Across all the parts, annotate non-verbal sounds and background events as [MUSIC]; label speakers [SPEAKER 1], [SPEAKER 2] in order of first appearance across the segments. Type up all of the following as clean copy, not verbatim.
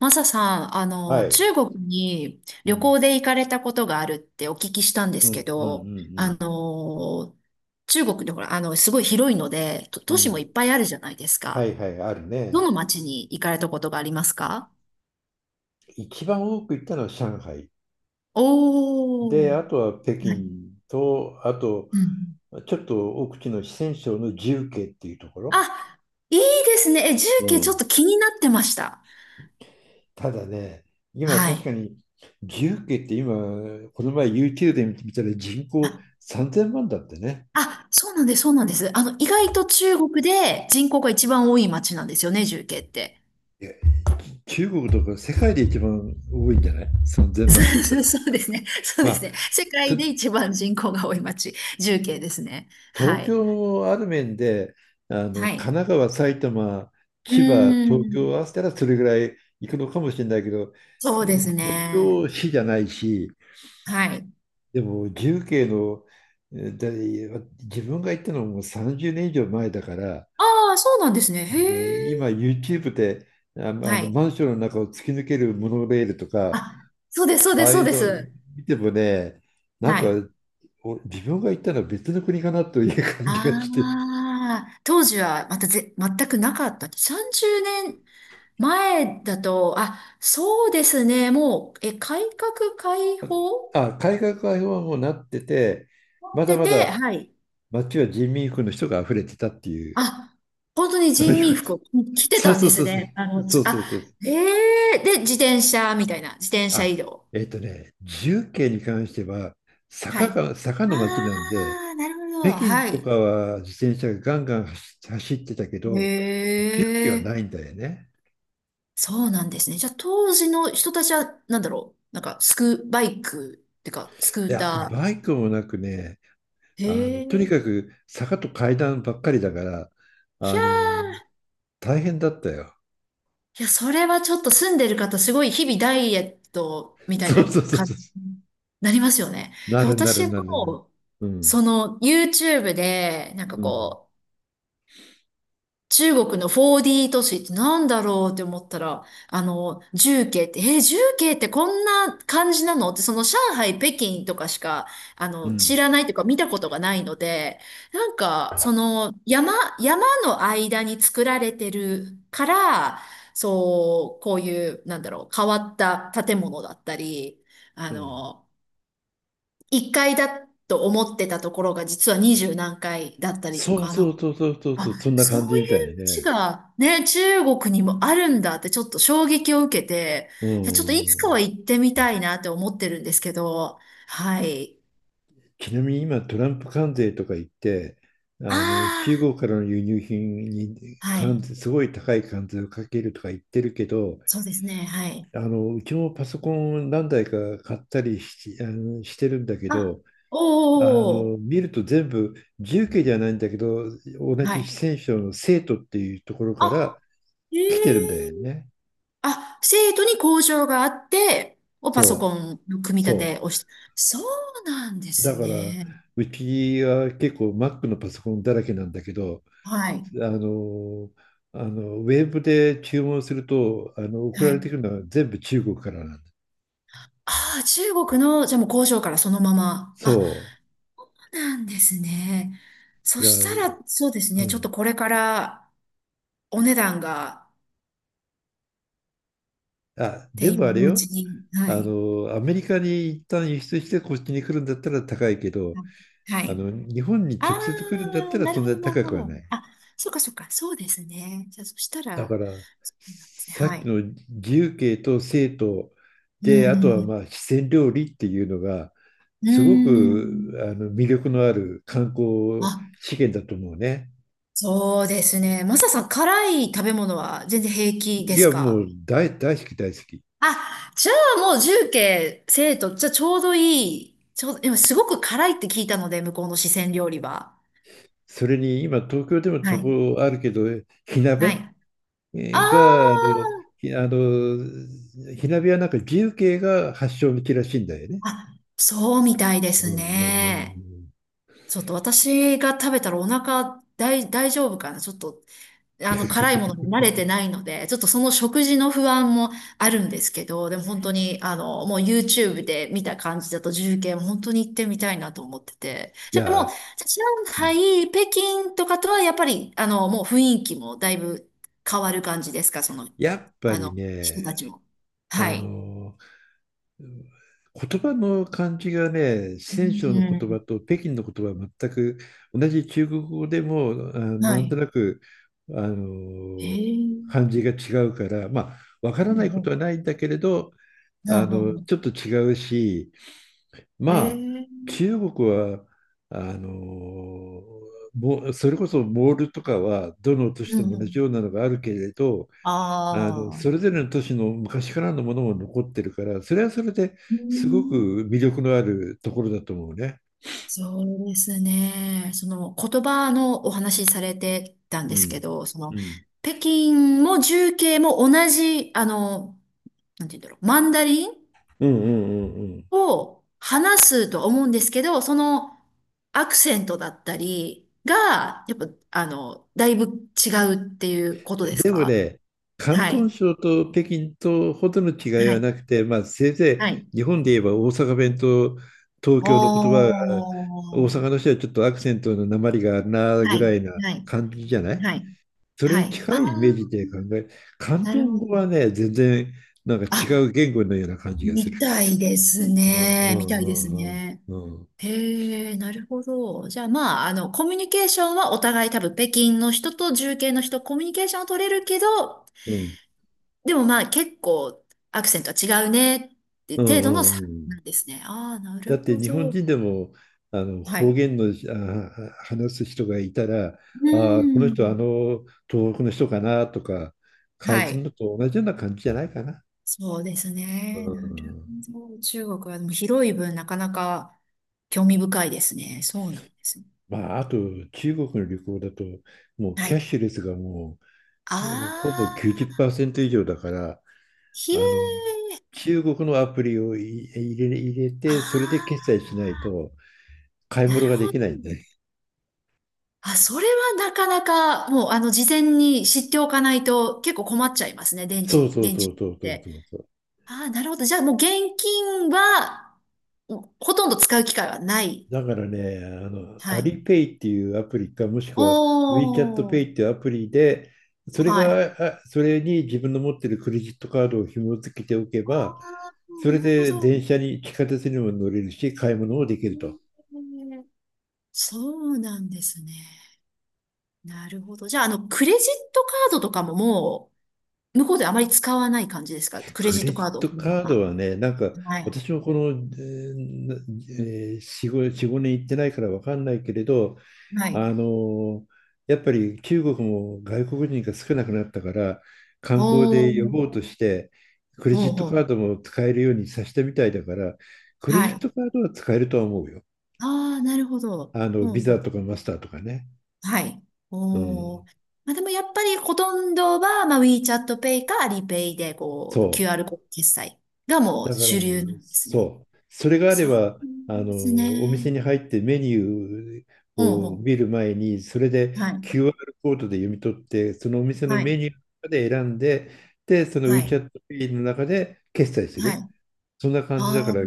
[SPEAKER 1] マサさん、
[SPEAKER 2] はい。
[SPEAKER 1] 中国に
[SPEAKER 2] う
[SPEAKER 1] 旅
[SPEAKER 2] ん、
[SPEAKER 1] 行で行かれたことがあるってお聞きしたんで
[SPEAKER 2] う
[SPEAKER 1] すけ
[SPEAKER 2] ん、うん、う
[SPEAKER 1] ど、
[SPEAKER 2] ん、
[SPEAKER 1] 中国でほら、すごい広いので、と
[SPEAKER 2] うん。
[SPEAKER 1] 都
[SPEAKER 2] う
[SPEAKER 1] 市もい
[SPEAKER 2] ん、
[SPEAKER 1] っぱいあるじゃないです
[SPEAKER 2] は
[SPEAKER 1] か。
[SPEAKER 2] いはい、ある
[SPEAKER 1] ど
[SPEAKER 2] ね。
[SPEAKER 1] の町に行かれたことがありますか？
[SPEAKER 2] 一番多く行ったのは上海。で、
[SPEAKER 1] おー。
[SPEAKER 2] あとは北
[SPEAKER 1] はい。
[SPEAKER 2] 京と、あと、
[SPEAKER 1] うん。
[SPEAKER 2] ちょっと奥地の四川省の重慶っていうとこ
[SPEAKER 1] あ、
[SPEAKER 2] ろ。
[SPEAKER 1] いいですね。え、重
[SPEAKER 2] う
[SPEAKER 1] 慶ちょっ
[SPEAKER 2] ん。
[SPEAKER 1] と気になってました。
[SPEAKER 2] ただね、今
[SPEAKER 1] は
[SPEAKER 2] 確か
[SPEAKER 1] い。
[SPEAKER 2] に重慶って今、この前 YouTube で見たら人
[SPEAKER 1] あ、
[SPEAKER 2] 口3000万だってね。
[SPEAKER 1] あそうなんです、そうなんです。意外と中国で人口が一番多い町なんですよね、重慶って。
[SPEAKER 2] いや、中国とか世界で一番多いんじゃない？
[SPEAKER 1] [LAUGHS]
[SPEAKER 2] 3000
[SPEAKER 1] そ
[SPEAKER 2] 万だ
[SPEAKER 1] う
[SPEAKER 2] った
[SPEAKER 1] そう
[SPEAKER 2] ら。
[SPEAKER 1] そうですね。そう
[SPEAKER 2] ま
[SPEAKER 1] です
[SPEAKER 2] あ、
[SPEAKER 1] ね。世
[SPEAKER 2] と
[SPEAKER 1] 界で一番人口が多い町、重慶ですね。は
[SPEAKER 2] 東
[SPEAKER 1] い。
[SPEAKER 2] 京もある面で、
[SPEAKER 1] は
[SPEAKER 2] 神
[SPEAKER 1] い。
[SPEAKER 2] 奈川、埼玉、
[SPEAKER 1] う
[SPEAKER 2] 千葉、
[SPEAKER 1] ー
[SPEAKER 2] 東
[SPEAKER 1] ん。
[SPEAKER 2] 京を合わせたらそれぐらい行くのかもしれないけど、
[SPEAKER 1] そう
[SPEAKER 2] で
[SPEAKER 1] で
[SPEAKER 2] も
[SPEAKER 1] す
[SPEAKER 2] 東
[SPEAKER 1] ね。
[SPEAKER 2] 京市じゃないし、
[SPEAKER 1] はい。
[SPEAKER 2] でも重慶の、自分が行ったのも30年以上前だから、
[SPEAKER 1] ああ、そうなんですね。へ
[SPEAKER 2] 今
[SPEAKER 1] え。
[SPEAKER 2] YouTube でああ
[SPEAKER 1] は
[SPEAKER 2] の
[SPEAKER 1] い。
[SPEAKER 2] マンションの中を突き抜けるモノレールとか、
[SPEAKER 1] あ、そうです、そう
[SPEAKER 2] あ
[SPEAKER 1] です、
[SPEAKER 2] あ
[SPEAKER 1] そ
[SPEAKER 2] い
[SPEAKER 1] う
[SPEAKER 2] う
[SPEAKER 1] で
[SPEAKER 2] の
[SPEAKER 1] す。
[SPEAKER 2] 見てもね、なん
[SPEAKER 1] はい。
[SPEAKER 2] か
[SPEAKER 1] あ
[SPEAKER 2] 自分が行ったのは別の国かなという感じがして、
[SPEAKER 1] あ、当時はまた全くなかった。30年前だと、あ、そうですね。もう、改革開放
[SPEAKER 2] あ、改革開放はもうなってて、
[SPEAKER 1] 持っ
[SPEAKER 2] まだ
[SPEAKER 1] て
[SPEAKER 2] ま
[SPEAKER 1] て、
[SPEAKER 2] だ
[SPEAKER 1] はい。
[SPEAKER 2] 街は人民服の人が溢れてたっていう、
[SPEAKER 1] あ、本当に
[SPEAKER 2] そう
[SPEAKER 1] 人
[SPEAKER 2] いう
[SPEAKER 1] 民
[SPEAKER 2] こと。
[SPEAKER 1] 服を
[SPEAKER 2] [LAUGHS]
[SPEAKER 1] 着て
[SPEAKER 2] そう
[SPEAKER 1] たん
[SPEAKER 2] そ
[SPEAKER 1] で
[SPEAKER 2] うそ
[SPEAKER 1] す
[SPEAKER 2] うそ
[SPEAKER 1] ね。あ
[SPEAKER 2] う。
[SPEAKER 1] の、
[SPEAKER 2] そ
[SPEAKER 1] つ
[SPEAKER 2] うそ
[SPEAKER 1] あ、
[SPEAKER 2] うそうそう。
[SPEAKER 1] ええで、自転車みたいな、自転車
[SPEAKER 2] あ、
[SPEAKER 1] 移動。
[SPEAKER 2] 重慶に関しては、
[SPEAKER 1] はい。
[SPEAKER 2] 坂の街なんで、
[SPEAKER 1] ああ、なるほど。
[SPEAKER 2] 北京
[SPEAKER 1] は
[SPEAKER 2] と
[SPEAKER 1] い。
[SPEAKER 2] かは自転車がガンガン走ってたけど、重慶は
[SPEAKER 1] え
[SPEAKER 2] ない
[SPEAKER 1] え
[SPEAKER 2] んだよね。
[SPEAKER 1] そうなんですね。じゃあ、当時の人たちは、なんだろう。なんか、バイクっていうか、スク
[SPEAKER 2] い
[SPEAKER 1] ー
[SPEAKER 2] や、
[SPEAKER 1] タ
[SPEAKER 2] バイクもなくね、
[SPEAKER 1] ー。
[SPEAKER 2] と
[SPEAKER 1] へ
[SPEAKER 2] に
[SPEAKER 1] え。
[SPEAKER 2] かく坂と階段ばっかりだから、あ
[SPEAKER 1] ひゃ
[SPEAKER 2] の、大変だったよ。
[SPEAKER 1] いや、それはちょっと住んでる方、すごい日々ダイエットみたい
[SPEAKER 2] そ
[SPEAKER 1] な
[SPEAKER 2] うそうそう
[SPEAKER 1] 感
[SPEAKER 2] そう。
[SPEAKER 1] じになりますよね。
[SPEAKER 2] な
[SPEAKER 1] いや、
[SPEAKER 2] るなる
[SPEAKER 1] 私
[SPEAKER 2] なるなる。
[SPEAKER 1] も、
[SPEAKER 2] うん、
[SPEAKER 1] その YouTube で、なんか
[SPEAKER 2] うん、
[SPEAKER 1] こう、中国の 4D 都市ってなんだろうって思ったら、重慶って、重慶ってこんな感じなのって、その上海、北京とかしか、
[SPEAKER 2] う
[SPEAKER 1] 知
[SPEAKER 2] ん。
[SPEAKER 1] らないというか見たことがないので、なんか、その、山の間に作られてるから、そう、こういう、なんだろう、変わった建物だったり、あ
[SPEAKER 2] うん。
[SPEAKER 1] の、1階だと思ってたところが実は20何階だったりと
[SPEAKER 2] そう
[SPEAKER 1] か、な
[SPEAKER 2] そう
[SPEAKER 1] ん
[SPEAKER 2] そうそうそうそ
[SPEAKER 1] あ、
[SPEAKER 2] う、そんな
[SPEAKER 1] そ
[SPEAKER 2] 感
[SPEAKER 1] う
[SPEAKER 2] じ
[SPEAKER 1] いう
[SPEAKER 2] みたい
[SPEAKER 1] 街
[SPEAKER 2] ね。
[SPEAKER 1] がね、中国にもあるんだってちょっと衝撃を受けて、
[SPEAKER 2] う
[SPEAKER 1] いや、ちょっといつか
[SPEAKER 2] ん。
[SPEAKER 1] は行ってみたいなって思ってるんですけど、はい。
[SPEAKER 2] ちなみに今、トランプ関税とか言って、中
[SPEAKER 1] あ
[SPEAKER 2] 国からの輸入品に
[SPEAKER 1] あ、は
[SPEAKER 2] 関
[SPEAKER 1] い。
[SPEAKER 2] 税、すごい高い関税をかけるとか言ってるけど、
[SPEAKER 1] そうですね、はい。
[SPEAKER 2] うちもパソコン何台か買ったりし、してるんだけ
[SPEAKER 1] あ、
[SPEAKER 2] ど、
[SPEAKER 1] おーおーお
[SPEAKER 2] 見ると全部、重慶じゃないんだけど同
[SPEAKER 1] ー、は
[SPEAKER 2] じ
[SPEAKER 1] い。
[SPEAKER 2] 四川省の成都っていうところから
[SPEAKER 1] あ、え
[SPEAKER 2] 来てるんだよ
[SPEAKER 1] え
[SPEAKER 2] ね。
[SPEAKER 1] 生徒に交渉があって、をパソ
[SPEAKER 2] そう
[SPEAKER 1] コンの組み立て
[SPEAKER 2] そ
[SPEAKER 1] をして、そうなんで
[SPEAKER 2] う。だ
[SPEAKER 1] す
[SPEAKER 2] から
[SPEAKER 1] ね。
[SPEAKER 2] うちは結構 Mac のパソコンだらけなんだけど、
[SPEAKER 1] はい。
[SPEAKER 2] あのあのウェブで注文すると送
[SPEAKER 1] は
[SPEAKER 2] られ
[SPEAKER 1] い。
[SPEAKER 2] てくるのは全部中国からなんだ。
[SPEAKER 1] ああ、中国の、じゃあもう工場からそのまま。あ、
[SPEAKER 2] そ
[SPEAKER 1] なんですね。
[SPEAKER 2] う。
[SPEAKER 1] そ
[SPEAKER 2] いや、
[SPEAKER 1] したら、そうです
[SPEAKER 2] う
[SPEAKER 1] ね。ちょっ
[SPEAKER 2] ん。
[SPEAKER 1] とこれからお値段が、っ
[SPEAKER 2] あ、
[SPEAKER 1] て
[SPEAKER 2] でもあ
[SPEAKER 1] 今
[SPEAKER 2] れ
[SPEAKER 1] のうち
[SPEAKER 2] よ。
[SPEAKER 1] に、はい。
[SPEAKER 2] アメリカに一旦輸出してこっちに来るんだったら高いけど、
[SPEAKER 1] はい。
[SPEAKER 2] 日本に
[SPEAKER 1] あ
[SPEAKER 2] 直接来るんだった
[SPEAKER 1] あ、
[SPEAKER 2] ら
[SPEAKER 1] な
[SPEAKER 2] そ
[SPEAKER 1] る
[SPEAKER 2] ん
[SPEAKER 1] ほ
[SPEAKER 2] な
[SPEAKER 1] ど、
[SPEAKER 2] に
[SPEAKER 1] なる
[SPEAKER 2] 高
[SPEAKER 1] ほ
[SPEAKER 2] くは
[SPEAKER 1] ど。
[SPEAKER 2] ない。
[SPEAKER 1] あ、そうか、そうか、そうですね。じゃあ、そした
[SPEAKER 2] だか
[SPEAKER 1] ら、
[SPEAKER 2] ら
[SPEAKER 1] そうなんですね。
[SPEAKER 2] さ
[SPEAKER 1] は
[SPEAKER 2] っき
[SPEAKER 1] い。
[SPEAKER 2] の自由形と生徒
[SPEAKER 1] う
[SPEAKER 2] で、あとは
[SPEAKER 1] ん、
[SPEAKER 2] まあ四川料理っていうのが
[SPEAKER 1] う
[SPEAKER 2] すごく
[SPEAKER 1] ん。
[SPEAKER 2] 魅力のある観光
[SPEAKER 1] あ、
[SPEAKER 2] 資源だと思うね。
[SPEAKER 1] そうですね。マサさん、辛い食べ物は全然平気で
[SPEAKER 2] い
[SPEAKER 1] す
[SPEAKER 2] や、も
[SPEAKER 1] か？
[SPEAKER 2] う大好き、大好き。
[SPEAKER 1] あ、じゃあもう重慶、生徒、じゃあちょうどいい。ちょうど、今すごく辛いって聞いたので、向こうの四川料理は。
[SPEAKER 2] それに今東京でも
[SPEAKER 1] は
[SPEAKER 2] と
[SPEAKER 1] い。
[SPEAKER 2] こあるけど、火鍋
[SPEAKER 1] はい。
[SPEAKER 2] があの
[SPEAKER 1] あ
[SPEAKER 2] ひあの火鍋はなんか自由形が発祥の地らしいんだよね。
[SPEAKER 1] あ、あ、そうみたいで
[SPEAKER 2] う
[SPEAKER 1] す
[SPEAKER 2] ん、うん、う
[SPEAKER 1] ね。
[SPEAKER 2] ん。
[SPEAKER 1] ちょっと私が食べたらお腹大丈夫かな、ちょっと辛いものに慣れてないので、ちょっとその食事の不安もあるんですけど、でも本当に、もう YouTube で見た感じだと重慶も本当に行ってみたいなと思ってて。
[SPEAKER 2] い
[SPEAKER 1] じゃあもう、
[SPEAKER 2] や、
[SPEAKER 1] じゃあ上海、北京とかとはやっぱり、もう雰囲気もだいぶ変わる感じですか、その、
[SPEAKER 2] やっぱり
[SPEAKER 1] 人
[SPEAKER 2] ね、
[SPEAKER 1] たちも。
[SPEAKER 2] あ
[SPEAKER 1] はい。
[SPEAKER 2] の言葉の感じがね、四
[SPEAKER 1] う
[SPEAKER 2] 川省の言葉
[SPEAKER 1] ん。
[SPEAKER 2] と北京の言葉は全く同じ中国語でも、
[SPEAKER 1] は
[SPEAKER 2] なんと
[SPEAKER 1] い。
[SPEAKER 2] なく、あ
[SPEAKER 1] え
[SPEAKER 2] の、
[SPEAKER 1] え
[SPEAKER 2] 感じが違うから、まあ、わから
[SPEAKER 1] う
[SPEAKER 2] ない
[SPEAKER 1] ん
[SPEAKER 2] こ
[SPEAKER 1] う
[SPEAKER 2] と
[SPEAKER 1] ん。
[SPEAKER 2] はないんだけれど、
[SPEAKER 1] うんうんうん。
[SPEAKER 2] ちょっと違うし、まあ、
[SPEAKER 1] ええ
[SPEAKER 2] 中国は、あの、もうそれこそモールとかは、どの都市
[SPEAKER 1] う
[SPEAKER 2] で
[SPEAKER 1] ん
[SPEAKER 2] も
[SPEAKER 1] う
[SPEAKER 2] 同じよ
[SPEAKER 1] ん。
[SPEAKER 2] うなのがあるけれど、
[SPEAKER 1] あ
[SPEAKER 2] それ
[SPEAKER 1] あ。
[SPEAKER 2] ぞれの都市の昔からのものも残ってるから、それはそれで
[SPEAKER 1] う
[SPEAKER 2] すご
[SPEAKER 1] ん
[SPEAKER 2] く魅力のあるところだと思うね。
[SPEAKER 1] そうですね。その言葉のお話しされてたん
[SPEAKER 2] う
[SPEAKER 1] ですけ
[SPEAKER 2] ん。
[SPEAKER 1] ど、その
[SPEAKER 2] うん。
[SPEAKER 1] 北京も重慶も同じ、なんて言うんだろう、マンダリン
[SPEAKER 2] うん、うん、うん、
[SPEAKER 1] を話すと思うんですけど、そのアクセントだったりが、やっぱ、だいぶ違うっていうこと
[SPEAKER 2] うん。
[SPEAKER 1] です
[SPEAKER 2] でも
[SPEAKER 1] か？
[SPEAKER 2] ね、広
[SPEAKER 1] はい。
[SPEAKER 2] 東省と北京とほどの違い
[SPEAKER 1] は
[SPEAKER 2] は
[SPEAKER 1] い。
[SPEAKER 2] なくて、まあ、せいぜ
[SPEAKER 1] はい。
[SPEAKER 2] い日本で言えば大阪弁と東
[SPEAKER 1] お
[SPEAKER 2] 京の言葉が、大
[SPEAKER 1] ー。
[SPEAKER 2] 阪の人はちょっとアクセントの訛りがあるな
[SPEAKER 1] は
[SPEAKER 2] ぐら
[SPEAKER 1] い。
[SPEAKER 2] いな
[SPEAKER 1] はい。
[SPEAKER 2] 感じじゃない？
[SPEAKER 1] はい。
[SPEAKER 2] それ
[SPEAKER 1] は
[SPEAKER 2] に
[SPEAKER 1] い。あ
[SPEAKER 2] 近
[SPEAKER 1] あ、
[SPEAKER 2] いイメージで考え、広
[SPEAKER 1] なる
[SPEAKER 2] 東
[SPEAKER 1] ほ
[SPEAKER 2] 語
[SPEAKER 1] ど。
[SPEAKER 2] はね、全然なんか
[SPEAKER 1] あ
[SPEAKER 2] 違う言語のような感じがする。
[SPEAKER 1] みたいです
[SPEAKER 2] うん、う
[SPEAKER 1] ね。み
[SPEAKER 2] ん、
[SPEAKER 1] たいです
[SPEAKER 2] うん、
[SPEAKER 1] ね。
[SPEAKER 2] うん、うん、
[SPEAKER 1] へえ、なるほど。じゃあまあ、コミュニケーションはお互い多分北京の人と重慶の人、コミュニケーションは取れるけど、
[SPEAKER 2] うん、
[SPEAKER 1] でもまあ結構アクセントは違うねって
[SPEAKER 2] う
[SPEAKER 1] 程度の
[SPEAKER 2] ん、う
[SPEAKER 1] 差なん
[SPEAKER 2] ん。
[SPEAKER 1] ですね。ああ、な
[SPEAKER 2] だ
[SPEAKER 1] る
[SPEAKER 2] って
[SPEAKER 1] ほ
[SPEAKER 2] 日本
[SPEAKER 1] ど。
[SPEAKER 2] 人でも
[SPEAKER 1] は
[SPEAKER 2] 方
[SPEAKER 1] い。
[SPEAKER 2] 言の話す人がいたら、
[SPEAKER 1] う
[SPEAKER 2] ああ、この
[SPEAKER 1] ー
[SPEAKER 2] 人
[SPEAKER 1] ん。
[SPEAKER 2] 東北の人かなとか感
[SPEAKER 1] は
[SPEAKER 2] じる
[SPEAKER 1] い。
[SPEAKER 2] のと同じような感じじゃないかな。
[SPEAKER 1] そうです
[SPEAKER 2] う
[SPEAKER 1] ね。なる
[SPEAKER 2] ん。
[SPEAKER 1] ほど。中国はでも広い分なかなか興味深いですね。そうなんですね。
[SPEAKER 2] まあ、あと中国の旅行だと、もう
[SPEAKER 1] は
[SPEAKER 2] キャッ
[SPEAKER 1] い。
[SPEAKER 2] シュレスがも
[SPEAKER 1] あ
[SPEAKER 2] う、もうほぼ
[SPEAKER 1] あ。
[SPEAKER 2] 90%以上だから、
[SPEAKER 1] ひえ、
[SPEAKER 2] あの中国のアプリをい入れ、入れ
[SPEAKER 1] あ
[SPEAKER 2] てそれで決済しない
[SPEAKER 1] あ、
[SPEAKER 2] と買い
[SPEAKER 1] な
[SPEAKER 2] 物
[SPEAKER 1] る
[SPEAKER 2] が
[SPEAKER 1] ほ
[SPEAKER 2] で
[SPEAKER 1] ど。
[SPEAKER 2] きないんで。
[SPEAKER 1] あ、それはなかなか、もう、事前に知っておかないと結構困っちゃいますね、電池
[SPEAKER 2] そう
[SPEAKER 1] に、
[SPEAKER 2] そう
[SPEAKER 1] 電
[SPEAKER 2] そ
[SPEAKER 1] 池
[SPEAKER 2] う
[SPEAKER 1] っ
[SPEAKER 2] そうそう
[SPEAKER 1] て。
[SPEAKER 2] そうそう。
[SPEAKER 1] ああ、なるほど。じゃあ、もう現金は、ほとんど使う機会はない。
[SPEAKER 2] だからね、
[SPEAKER 1] は
[SPEAKER 2] ア
[SPEAKER 1] い。
[SPEAKER 2] リペイっていうアプリか、もしく
[SPEAKER 1] お
[SPEAKER 2] は WeChat
[SPEAKER 1] ー、
[SPEAKER 2] Pay っていうアプリで、
[SPEAKER 1] はい。あ
[SPEAKER 2] それに自分の持ってるクレジットカードを紐付けておけ
[SPEAKER 1] あ、
[SPEAKER 2] ば、それ
[SPEAKER 1] なるほ
[SPEAKER 2] で
[SPEAKER 1] ど。
[SPEAKER 2] 電車に、地下鉄にも乗れるし、買い物もでき
[SPEAKER 1] へ
[SPEAKER 2] ると。
[SPEAKER 1] ーそうなんですね。なるほど。じゃあ、クレジットカードとかも向こうであまり使わない感じですか？クレ
[SPEAKER 2] ク
[SPEAKER 1] ジッ
[SPEAKER 2] レ
[SPEAKER 1] ト
[SPEAKER 2] ジ
[SPEAKER 1] カ
[SPEAKER 2] ッ
[SPEAKER 1] ードを
[SPEAKER 2] ト
[SPEAKER 1] 取るの
[SPEAKER 2] カード
[SPEAKER 1] が。
[SPEAKER 2] はね、なんか、
[SPEAKER 1] はい。
[SPEAKER 2] 私もこの、えーなえー4、5、4、年行ってないから分かんないけれど、
[SPEAKER 1] はい。
[SPEAKER 2] あのやっぱり中国も外国人が少なくなったから、観光
[SPEAKER 1] おお
[SPEAKER 2] で呼
[SPEAKER 1] ほ
[SPEAKER 2] ぼうとしてクレ
[SPEAKER 1] う
[SPEAKER 2] ジット
[SPEAKER 1] ほう
[SPEAKER 2] カ
[SPEAKER 1] ほ
[SPEAKER 2] ー
[SPEAKER 1] う。
[SPEAKER 2] ドも使えるようにさせたみたいだから、クレ
[SPEAKER 1] は
[SPEAKER 2] ジッ
[SPEAKER 1] い。
[SPEAKER 2] トカードは使えるとは思うよ。
[SPEAKER 1] ああ、なるほど。ほ
[SPEAKER 2] ビ
[SPEAKER 1] うほ
[SPEAKER 2] ザ
[SPEAKER 1] う。
[SPEAKER 2] とかマスターとかね。
[SPEAKER 1] はい。
[SPEAKER 2] う
[SPEAKER 1] お
[SPEAKER 2] ん。
[SPEAKER 1] おまあ、でもやっぱりほとんどは、まあ、WeChat Pay か Alipay で、こう、
[SPEAKER 2] そ
[SPEAKER 1] QR
[SPEAKER 2] う。
[SPEAKER 1] コード決済がもう
[SPEAKER 2] だから、
[SPEAKER 1] 主流なんですね。
[SPEAKER 2] そう。それがあれ
[SPEAKER 1] そう
[SPEAKER 2] ば、
[SPEAKER 1] です
[SPEAKER 2] お店
[SPEAKER 1] ね。
[SPEAKER 2] に入ってメニュー
[SPEAKER 1] ほう
[SPEAKER 2] を
[SPEAKER 1] ほ
[SPEAKER 2] 見る前に、それ
[SPEAKER 1] う。は
[SPEAKER 2] で
[SPEAKER 1] い。
[SPEAKER 2] QR コードで読み取って、そのお店の
[SPEAKER 1] は
[SPEAKER 2] メ
[SPEAKER 1] い。
[SPEAKER 2] ニューの中で選んで、で、その
[SPEAKER 1] はい。
[SPEAKER 2] WeChat Pay の中で決済す
[SPEAKER 1] は
[SPEAKER 2] る。
[SPEAKER 1] い。
[SPEAKER 2] そんな感じだか
[SPEAKER 1] あ
[SPEAKER 2] ら、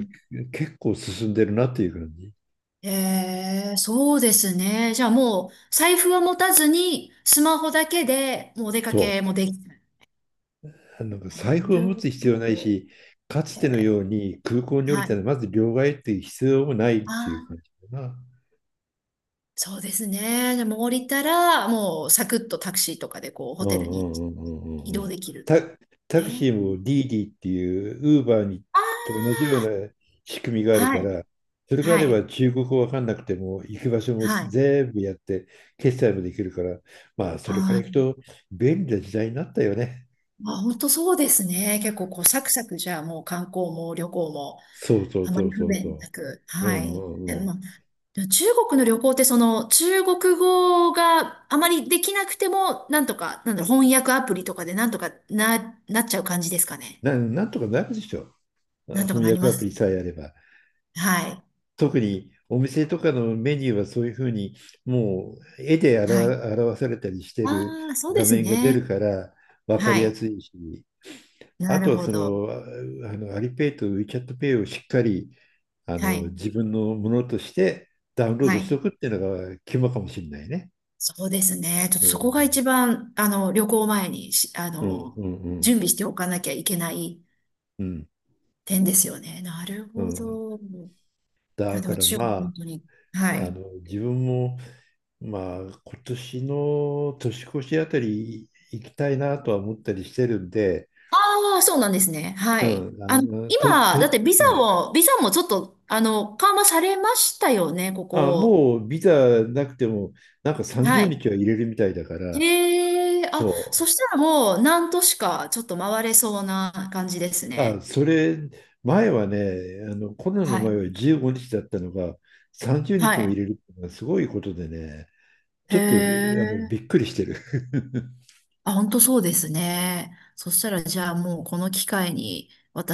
[SPEAKER 2] 結構進んでるなっていう感じ。
[SPEAKER 1] ええ、そうですね。じゃあもう、財布は持たずに、スマホだけで、もうお出か
[SPEAKER 2] そ
[SPEAKER 1] けもできる。
[SPEAKER 2] う。なんか財布
[SPEAKER 1] な
[SPEAKER 2] を
[SPEAKER 1] る
[SPEAKER 2] 持
[SPEAKER 1] ほ
[SPEAKER 2] つ必要ない
[SPEAKER 1] ど。
[SPEAKER 2] し、かつ
[SPEAKER 1] え
[SPEAKER 2] ての
[SPEAKER 1] え、
[SPEAKER 2] ように空港に降り
[SPEAKER 1] は
[SPEAKER 2] た
[SPEAKER 1] い。
[SPEAKER 2] らまず両替っていう必要もないっ
[SPEAKER 1] あ
[SPEAKER 2] ていう
[SPEAKER 1] あ、
[SPEAKER 2] 感じかな。
[SPEAKER 1] そうですね。じゃあもう降りたら、もうサクッとタクシーとかで、こう、ホ
[SPEAKER 2] う
[SPEAKER 1] テ
[SPEAKER 2] ん、
[SPEAKER 1] ル
[SPEAKER 2] う
[SPEAKER 1] に
[SPEAKER 2] ん、うん、うん、
[SPEAKER 1] 移
[SPEAKER 2] うん、う
[SPEAKER 1] 動
[SPEAKER 2] ん。
[SPEAKER 1] できる。
[SPEAKER 2] タ、タク
[SPEAKER 1] え
[SPEAKER 2] シ
[SPEAKER 1] え、
[SPEAKER 2] ーもディーディっていうウーバーにと同じ
[SPEAKER 1] あ
[SPEAKER 2] ような仕組みがあ
[SPEAKER 1] あ、
[SPEAKER 2] る
[SPEAKER 1] は
[SPEAKER 2] か
[SPEAKER 1] い、
[SPEAKER 2] ら、それがあ
[SPEAKER 1] は
[SPEAKER 2] れ
[SPEAKER 1] い、
[SPEAKER 2] ば中国語わかんなくても行く場所も
[SPEAKER 1] はい。あ
[SPEAKER 2] 全部やって決済もできるから、まあそれから行く
[SPEAKER 1] あ。
[SPEAKER 2] と便利な時代になったよね。
[SPEAKER 1] あ、本当そうですね。結構こうサクサクじゃあもう観光も旅行も
[SPEAKER 2] そうそう
[SPEAKER 1] あま
[SPEAKER 2] そ
[SPEAKER 1] り
[SPEAKER 2] う
[SPEAKER 1] 不
[SPEAKER 2] そうそ
[SPEAKER 1] 便なく。
[SPEAKER 2] う。う
[SPEAKER 1] は
[SPEAKER 2] ん、う
[SPEAKER 1] い。え
[SPEAKER 2] ん、うん。
[SPEAKER 1] まあ、でも中国の旅行ってその中国語があまりできなくてもなんとか、なんだろう、翻訳アプリとかでなんとかなっちゃう感じですかね。
[SPEAKER 2] なんとかなるでしょ。
[SPEAKER 1] なんとか
[SPEAKER 2] 翻
[SPEAKER 1] なり
[SPEAKER 2] 訳
[SPEAKER 1] ま
[SPEAKER 2] アプ
[SPEAKER 1] す。
[SPEAKER 2] リさえあれば。
[SPEAKER 1] はい。
[SPEAKER 2] 特にお店とかのメニューはそういうふうに、もう絵で
[SPEAKER 1] はい。
[SPEAKER 2] 表されたりしてる
[SPEAKER 1] ああ、そうで
[SPEAKER 2] 画
[SPEAKER 1] す
[SPEAKER 2] 面が出
[SPEAKER 1] ね。
[SPEAKER 2] るから分か
[SPEAKER 1] は
[SPEAKER 2] りや
[SPEAKER 1] い。
[SPEAKER 2] すいし、あ
[SPEAKER 1] な
[SPEAKER 2] と
[SPEAKER 1] る
[SPEAKER 2] は
[SPEAKER 1] ほ
[SPEAKER 2] そ
[SPEAKER 1] ど。
[SPEAKER 2] の、あのアリペイとウィチャットペイをしっかり
[SPEAKER 1] はい。
[SPEAKER 2] 自分のものとしてダウンロー
[SPEAKER 1] は
[SPEAKER 2] ドして
[SPEAKER 1] い。
[SPEAKER 2] おくっていうのが肝かもしれないね。
[SPEAKER 1] そうですね。ちょっ
[SPEAKER 2] う
[SPEAKER 1] とそこが
[SPEAKER 2] ん、
[SPEAKER 1] 一番、旅行前にし、あ
[SPEAKER 2] うん、う
[SPEAKER 1] の、
[SPEAKER 2] ん、うん、
[SPEAKER 1] 準備しておかなきゃいけない
[SPEAKER 2] うん。
[SPEAKER 1] 点ですよね。なる
[SPEAKER 2] う
[SPEAKER 1] ほ
[SPEAKER 2] ん、
[SPEAKER 1] ど。
[SPEAKER 2] だ
[SPEAKER 1] あ、で
[SPEAKER 2] か
[SPEAKER 1] も
[SPEAKER 2] ら
[SPEAKER 1] 中国、
[SPEAKER 2] ま
[SPEAKER 1] 本
[SPEAKER 2] あ、
[SPEAKER 1] 当に。はい。
[SPEAKER 2] 自分もまあ、今年の年越しあたり行きたいなとは思ったりしてるんで、
[SPEAKER 1] ああ、そうなんですね。は
[SPEAKER 2] う
[SPEAKER 1] い。
[SPEAKER 2] ん、あの、と、と、
[SPEAKER 1] 今、だって
[SPEAKER 2] うん。
[SPEAKER 1] ビザもちょっと、緩和されましたよね、こ
[SPEAKER 2] あ、
[SPEAKER 1] こ。
[SPEAKER 2] もうビザなくても、なんか
[SPEAKER 1] は
[SPEAKER 2] 30
[SPEAKER 1] い。
[SPEAKER 2] 日は入れるみたいだから、
[SPEAKER 1] へえ、あ、
[SPEAKER 2] そ
[SPEAKER 1] そしたらもう何都市かちょっと回れそうな感じです
[SPEAKER 2] う。あ、
[SPEAKER 1] ね。
[SPEAKER 2] それ、前はね、コロナの
[SPEAKER 1] は
[SPEAKER 2] 前
[SPEAKER 1] い。
[SPEAKER 2] は15日だったのが、30
[SPEAKER 1] は
[SPEAKER 2] 日も入
[SPEAKER 1] い。
[SPEAKER 2] れるっていうのはすごいことでね、ち
[SPEAKER 1] へ
[SPEAKER 2] ょっと、
[SPEAKER 1] え。
[SPEAKER 2] びっくりしてる。[LAUGHS]
[SPEAKER 1] あ、本当そうですね。そしたら、じゃあもうこの機会に、